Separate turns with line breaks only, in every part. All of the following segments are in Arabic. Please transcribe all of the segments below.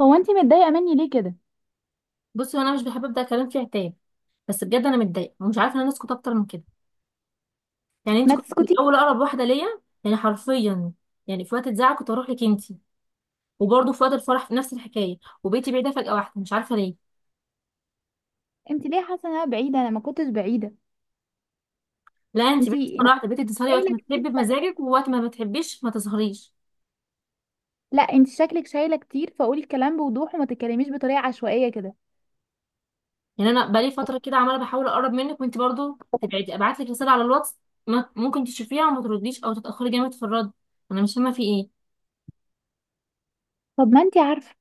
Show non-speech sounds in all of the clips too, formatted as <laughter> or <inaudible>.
هو انت متضايقه مني ليه كده؟
بصي، انا مش بحب ابدا كلام فيه عتاب. بس بجد انا متضايقه ومش عارفه ان انا اسكت اكتر من كده. يعني انت
ما
كنت في
تسكتي.
الاول اقرب واحده ليا، يعني حرفيا. يعني في وقت الزعل كنت اروح لك انت، وبرضه في وقت الفرح في نفس الحكايه. وبيتي بعيده فجاه واحده، مش عارفه ليه.
انت ليه حاسه ان انا بعيده؟ انا ما كنتش بعيده.
لا انت
انت
بعيده مره
انت
واحده، بقيتي تظهري وقت
شايله
ما
كتير.
تحبي بمزاجك،
شك-
ووقت ما بتحبيش ما تظهريش.
لا، انت شكلك شايله كتير، فقولي الكلام بوضوح وما تتكلميش بطريقه عشوائيه كده.
يعني انا بقالي فتره كده عماله بحاول اقرب منك وانت برضه تبعدي، ابعت لك رساله على الواتس ممكن تشوفيها وما ترديش او تتاخري جامد في الرد. انا مش فاهمه في ايه.
طب ما انت عارفه،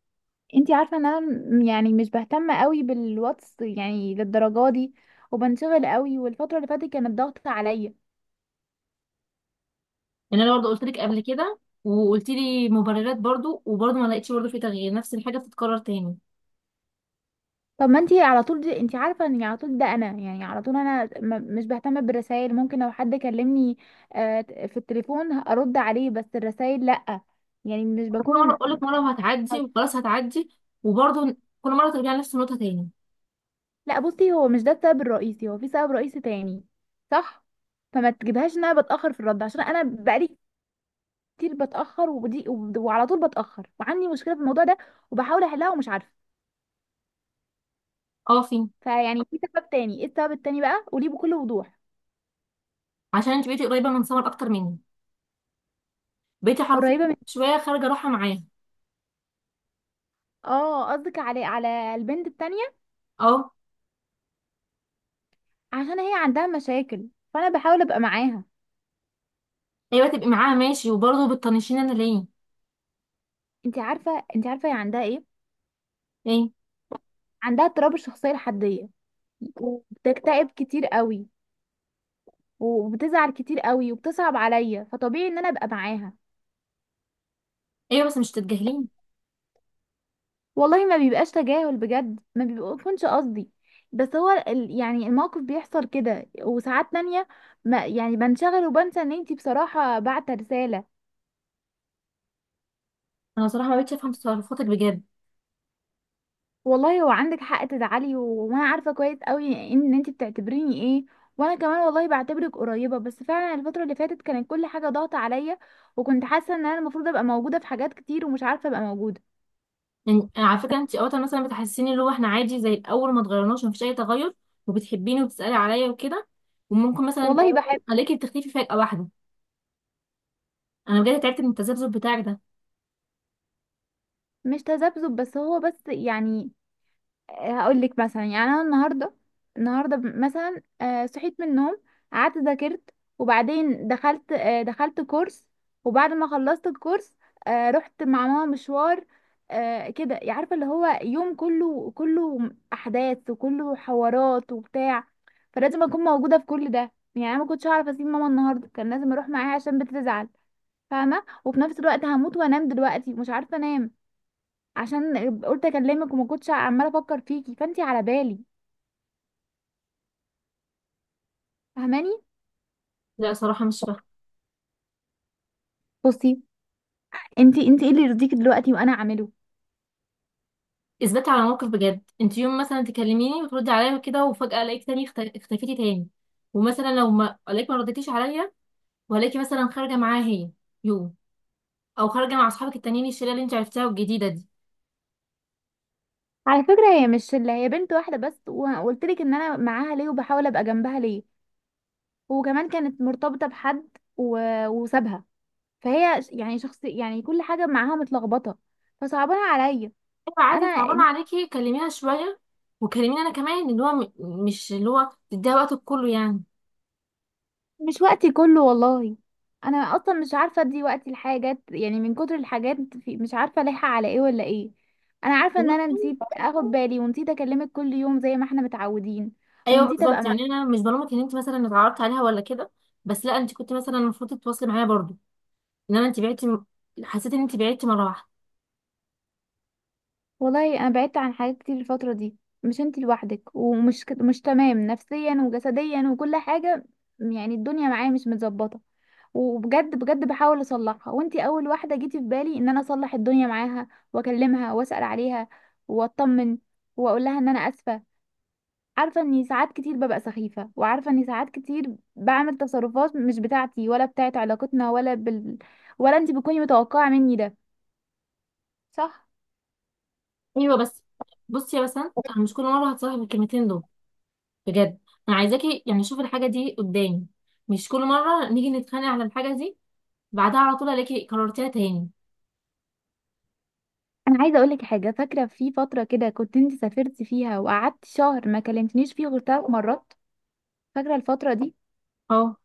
انت عارفه ان انا يعني مش بهتم قوي بالواتس يعني للدرجه دي، وبنشغل قوي والفتره اللي فاتت كانت ضغط عليا.
لان انا برضو قلت لك قبل كده وقلت لي مبررات برضو، وبرضو ما لقيتش برضو في تغيير، نفس الحاجه بتتكرر تاني.
طب ما انتي على طول دي، انتي عارفه ان على طول ده انا يعني على طول انا مش بهتم بالرسائل. ممكن لو حد كلمني في التليفون ارد عليه، بس الرسائل لا. يعني مش
كل مره
بكون.
اقول لك مره وهتعدي وخلاص هتعدي، وبرضو كل مره ترجعي نفس النقطه تاني.
لا بصي، هو مش ده السبب الرئيسي، هو في سبب رئيسي تاني، صح؟ فما تجيبهاش ان انا بتاخر في الرد، عشان انا بقالي كتير بتاخر، وعلى طول بتاخر وعندي مشكله في الموضوع ده، وبحاول احلها ومش عارفه.
اه، فين؟
فيعني في سبب تاني، ايه السبب التاني بقى؟ قوليه بكل وضوح.
عشان انت بقيتي قريبه من سمر اكتر مني، بقيتي حرفيا
قريبه من؟
شويه خارجه رايحه معاه.
اه قصدك على البنت التانية.
اه.
عشان هي عندها مشاكل فانا بحاول ابقى معاها.
ايوه تبقي معاها ماشي، وبرضو بتطنشيني انا ليه؟
انت عارفه، انت عارفه هي عندها ايه.
ليه؟
عندها اضطراب الشخصيه الحديه، وبتكتئب كتير قوي، وبتزعل كتير قوي وبتصعب عليا، فطبيعي ان انا ابقى معاها.
ايوه بس مش تتجاهليني.
والله ما بيبقاش تجاهل، بجد ما بيكونش قصدي، بس هو يعني الموقف بيحصل كده، وساعات تانية ما يعني بنشغل وبنسى ان انتي بصراحة بعت رسالة.
انا بصراحه ما بقتش افهم تصرفاتك بجد.
والله هو عندك حق تزعلي، وانا عارفه كويس قوي ان انت بتعتبريني ايه، وانا كمان والله بعتبرك قريبه، بس فعلا الفتره اللي فاتت كانت كل حاجه ضاغطه عليا، وكنت حاسه ان انا المفروض ابقى موجوده في حاجات كتير ومش عارفه ابقى موجوده.
يعني على فكرة، انت اوقات مثلا بتحسيني اللي هو احنا عادي زي الاول ما اتغيرناش مفيش اي تغير، وبتحبيني وبتسألي عليا وكده. وممكن مثلا
والله والله بحبك.
عليكي بتختفي فجأة واحدة. انا بجد تعبت من التذبذب بتاعك ده.
مش تذبذب، بس هو بس يعني هقول لك مثلا، يعني انا النهارده، النهارده مثلا صحيت من النوم، قعدت ذاكرت، وبعدين دخلت دخلت كورس، وبعد ما خلصت الكورس رحت مع ماما مشوار. كده يعني، عارفه اللي هو يوم كله احداث وكله حوارات وبتاع، فلازم اكون موجوده في كل ده. يعني انا ما كنتش هعرف اسيب ماما، النهارده كان لازم اروح معاها عشان بتزعل، فاهمه؟ وفي نفس الوقت هموت وانام دلوقتي، مش عارفه انام، عشان قلت اكلمك، وما كنتش عماله افكر فيكي فانتي على بالي. فاهماني؟
لا صراحة مش فاهمة.
بصي، انتي ايه اللي يرضيكي دلوقتي وانا اعمله؟
اثبتي على موقف بجد. انت يوم مثلا تكلميني وتردي عليا وكده، وفجأة الاقيك تاني اختفيتي تاني. ومثلا لو ما الاقيك، ما رديتيش عليا، وهلاقيكي مثلا خارجة معاها هي يوم، او خارجة مع اصحابك التانيين الشلة اللي انت عرفتها الجديدة دي.
على فكره هي مش اللي هي بنت واحده بس، وقلت لك ان انا معاها ليه وبحاول ابقى جنبها ليه، وكمان كانت مرتبطه بحد و... وسابها، فهي يعني شخص يعني كل حاجه معاها متلخبطه، فصعبانه عليا.
ايوه
انا
عادي، صعبان عليكي كلميها شويه، وكلميني انا كمان، اللي هو مش اللي هو تديها وقتك كله يعني.
مش وقتي كله والله، انا اصلا مش عارفه ادي وقتي لحاجات، يعني من كتر الحاجات في مش عارفه الاقيها على ايه ولا ايه. انا عارفه ان انا نسيت اخد بالي ونسيت اكلمك كل يوم زي ما احنا متعودين،
ايوه
ونسيت ابقى.
بالظبط، يعني انا مش بلومك ان انت مثلا اتعرضت عليها ولا كده، بس لا انت كنت مثلا المفروض تتواصلي معايا برضو. ان انا انت بعتي، حسيت ان انت بعتي مره واحده.
والله انا بعدت عن حاجات كتير الفتره دي، مش انتي لوحدك، مش تمام نفسيا وجسديا وكل حاجه، يعني الدنيا معايا مش متظبطه، وبجد بجد بحاول اصلحها، وانتي اول واحده جيتي في بالي ان انا اصلح الدنيا معاها واكلمها واسال عليها واطمن، واقول لها ان انا اسفه. عارفه اني ساعات كتير ببقى سخيفه، وعارفه اني ساعات كتير بعمل تصرفات مش بتاعتي ولا بتاعت علاقتنا ولا انتي بتكوني متوقعه مني ده، صح؟
ايوه بس، بصي يا بسنت، انا مش كل مره هتصالح بالكلمتين دول بجد. انا عايزاكي يعني شوفي الحاجه دي قدامي. مش كل مره نيجي نتخانق على الحاجه دي بعدها على طول الاقي كررتيها تاني.
انا عايزه اقول لك حاجه. فاكره في فتره كده كنت انت سافرتي فيها وقعدت شهر ما كلمتنيش فيه غير 3 مرات؟ فاكره الفتره دي؟
اه.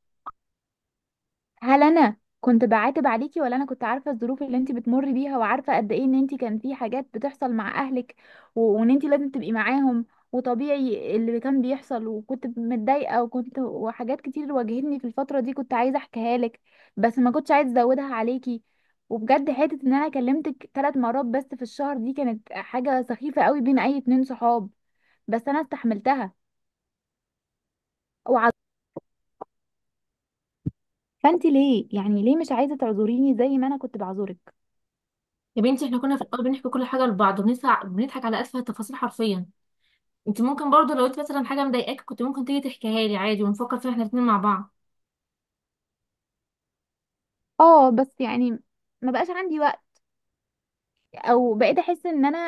هل انا كنت بعاتب عليكي، ولا انا كنت عارفه الظروف اللي انت بتمري بيها وعارفه قد ايه ان انت كان في حاجات بتحصل مع اهلك، وان انت لازم تبقي معاهم، وطبيعي اللي كان بيحصل؟ وكنت متضايقه، وكنت وحاجات كتير واجهتني في الفتره دي كنت عايزه احكيها لك، بس ما كنتش عايزه ازودها عليكي. وبجد حته ان انا كلمتك 3 مرات بس في الشهر دي كانت حاجه سخيفه قوي بين اي 2 صحاب، بس انا استحملتها وع- فانت ليه يعني ليه مش عايزه تعذريني زي ما انا كنت بعذرك؟
يا بنتي احنا كنا في الاول بنحكي كل حاجه لبعض، وبنضحك بنضحك على اسفل التفاصيل حرفيا. انت ممكن برضه لو انت مثلا حاجه مضايقاك، كنت ممكن تيجي تحكيها لي عادي ونفكر فيها احنا الاثنين مع بعض.
اه بس يعني ما بقاش عندي وقت، او بقيت احس ان انا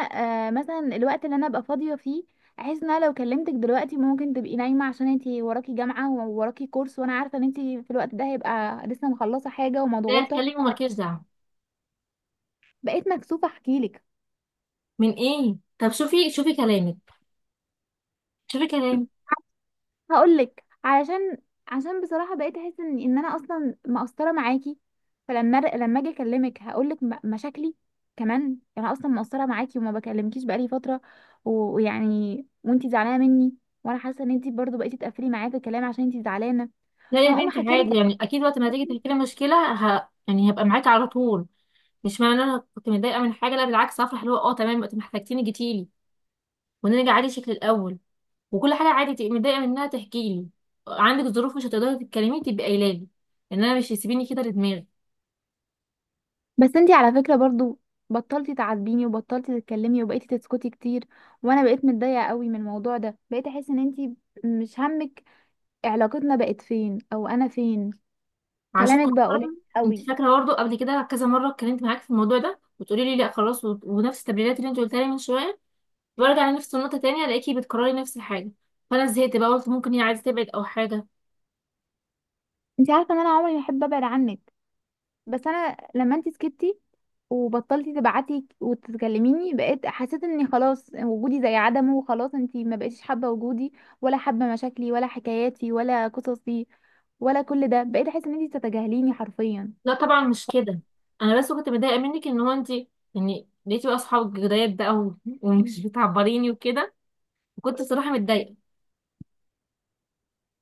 مثلا الوقت اللي انا ابقى فاضيه فيه احس ان انا لو كلمتك دلوقتي ممكن تبقي نايمه عشان انتي وراكي جامعه ووراكي كورس، وانا عارفه ان انتي في الوقت ده هيبقى لسه مخلصه حاجه
لا
ومضغوطه،
اتكلمي ومالكيش دعوه.
بقيت مكسوفه احكيلك.
من ايه؟ طب شوفي شوفي كلامك. شوفي كلامك.
هقول لك علشان، عشان بصراحه بقيت احس ان انا اصلا مقصره معاكي، فلما اجي اكلمك هقول لك مشاكلي، كمان انا اصلا مقصره معاكي وما بكلمكيش بقالي فتره، ويعني وانتي زعلانه مني، وانا حاسه ان انتي برضو بقيتي تقفلي معايا في الكلام عشان انتي زعلانه،
لا يا
فهقوم
بنتي
احكي
عادي،
لك.
يعني اكيد وقت ما تيجي تحكي لي مشكله يعني هبقى معاكي على طول. مش معنى ان انا كنت متضايقه من حاجه، لا بالعكس، هفرح اللي هو اه تمام وقت ما احتجتيني جيتيلي، ونرجع عادي شكل الاول. وكل حاجه عادي تبقي متضايقه منها تحكي لي. عندك ظروف مش هتقدري تتكلمي تبقي قايله لي. ان انا مش هيسيبيني كده لدماغي.
بس انتي على فكره برضو بطلتي تعاتبيني وبطلتي تتكلمي وبقيتي تسكتي كتير، وانا بقيت متضايقه قوي من الموضوع ده، بقيت احس ان انتي مش همك علاقتنا بقت فين، او انا فين.
عشان
كلامك بقى قليل
مؤخرا انت
قوي.
فاكره برضه قبل كده كذا مره اتكلمت معاك في الموضوع ده وتقولي لي لا خلاص، ونفس التمرينات اللي انت قلتها لي من شويه، وارجع لنفس النقطه تانية الاقيكي بتكرري نفس الحاجه. فانا زهقت بقى، قلت ممكن هي عايزه تبعد او حاجه.
انت عارفه ان انا عمري ما احب ابعد عنك، بس انا لما انت سكتي وبطلتي تبعتي وتتكلميني بقيت حسيت اني خلاص وجودي زي عدمه، وخلاص انت ما بقيتيش حابه وجودي، ولا حابه مشاكلي ولا حكاياتي ولا قصصي، ولا كل ده، بقيت احس ان انت بتتجاهليني حرفيا.
لا طبعا مش كده. انا بس كنت متضايقه منك ان هو انت، يعني لقيتي بقى اصحاب جداد بقى ومش <laughs> بتعبريني وكده، وكنت صراحه متضايقه.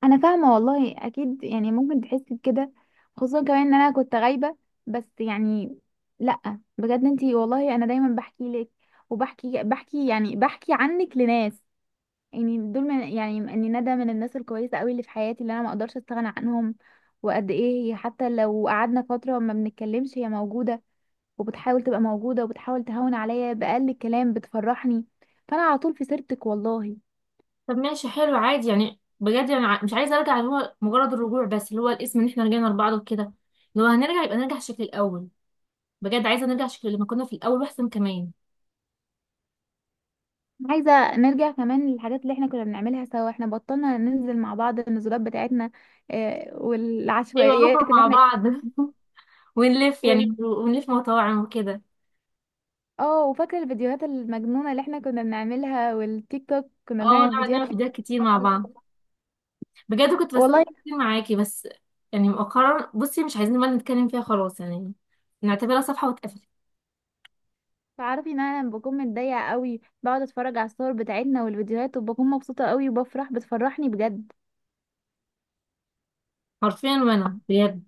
انا فاهمه والله، اكيد يعني ممكن تحسي بكده، خصوصا كمان ان انا كنت غايبه، بس يعني لا بجد انت والله انا دايما بحكي لك، وبحكي بحكي يعني بحكي عنك لناس، يعني دول من، يعني اني ندى من الناس الكويسه قوي اللي في حياتي، اللي انا ما اقدرش استغنى عنهم. وقد ايه هي حتى لو قعدنا فتره ما بنتكلمش هي موجوده، وبتحاول تبقى موجوده، وبتحاول تهون عليا باقل كلام بتفرحني، فانا على طول في سيرتك والله.
طب ماشي حلو عادي، يعني بجد انا مش عايزه ارجع اللي هو مجرد الرجوع بس اللي هو الاسم ان احنا رجعنا لبعض وكده. لو هنرجع يبقى نرجع شكل الاول. بجد عايزه نرجع شكل لما كنا في الاول واحسن كمان.
عايزه نرجع كمان للحاجات اللي احنا كنا بنعملها سوا، احنا بطلنا ننزل مع بعض النزولات بتاعتنا
ايوه
والعشوائيات
نخرج
اللي
مع
احنا
بعض <laughs> ونلف
<laughs> وال...
يعني ونلف مطاعم وكده.
اه وفاكره الفيديوهات المجنونه اللي احنا كنا بنعملها، والتيك توك كنا
اه
بنعمل
نقعد
فيديوهات <laughs>
نعمل
تيك
فيديوهات كتير
توك
مع بعض.
برضه.
بجد كنت بستمتع
والله
كتير معاكي. بس يعني مؤخرا بصي مش عايزين بقى نتكلم فيها خلاص يعني، نعتبرها صفحه واتقفلت.
تعرفي ان انا بكون متضايقه قوي بقعد اتفرج على الصور بتاعتنا والفيديوهات وبكون مبسوطه قوي، وبفرح بتفرحني بجد.
حرفيا وانا بجد.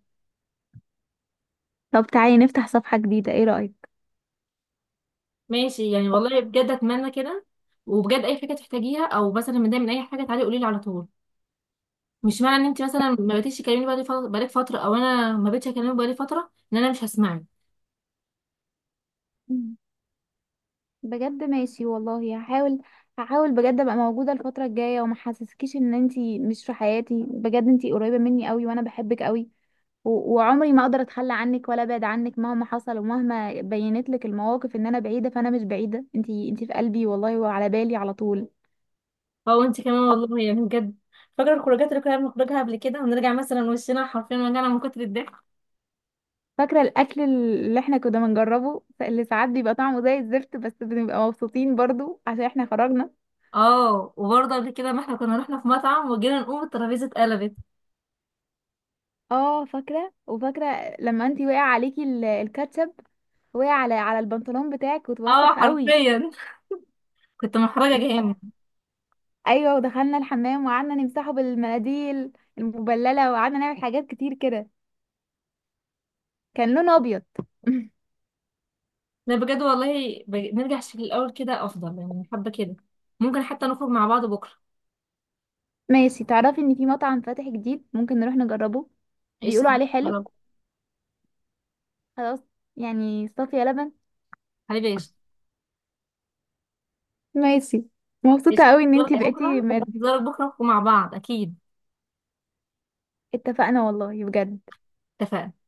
طب تعالي نفتح صفحه جديده، ايه رايك؟
ماشي يعني والله بجد اتمنى كده. وبجد اي حاجه تحتاجيها او مثلا متضايقه من اي حاجه، تعالي قولي لي على طول. مش معنى ان انت مثلا ما بقيتيش تكلميني بقالي فتره بقالك فتره، او انا ما بقيتش اكلمك بقالي فتره، ان انا مش هسمعك.
مم. بجد ماشي والله هحاول، هحاول بجد ابقى موجوده الفتره الجايه، وما حسسكيش ان انتي مش في حياتي، بجد انتي قريبه مني قوي وانا بحبك قوي، وعمري ما اقدر اتخلى عنك ولا ابعد عنك مهما حصل، ومهما بينت لك المواقف ان انا بعيده، فانا مش بعيده، انتي في قلبي والله، وعلى بالي على طول.
اه وانت كمان والله يعني بجد. فاكره الخروجات اللي كنا بنخرجها قبل كده ونرجع مثلا وشنا حرفيا وجعنا من كتر الضحك.
فاكرة الأكل اللي احنا كنا بنجربه اللي ساعات بيبقى طعمه زي الزفت، بس بنبقى مبسوطين برضو عشان احنا خرجنا.
اه، وبرضه قبل كده ما احنا كنا رحنا في مطعم وجينا نقوم الترابيزه اتقلبت.
اه فاكرة، وفاكرة لما انتي وقع عليكي الكاتشب، وقع على البنطلون بتاعك
اه
وتوسخ قوي.
حرفيا. <laughs> كنت محرجه جامد.
ايوه، ودخلنا الحمام وقعدنا نمسحه بالمناديل المبللة، وقعدنا نعمل حاجات كتير كده. كان لونه ابيض. <laughs>
لا بجد والله نرجع شكل الاول كده افضل، يعني حابه كده. ممكن حتى نخرج مع بعض بكره.
ماشي، تعرفي ان في مطعم فاتح جديد ممكن نروح نجربه،
ايش؟
بيقولوا عليه حلو. خلاص، يعني صافية لبن.
حبيبي، ايش؟
ماشي. مبسوطة
ايش،
قوي ان
انتظارك
انتي بقيتي
بكره، انتظارك بكره، ونخرج مع بعض اكيد.
اتفقنا والله بجد.
اتفقنا.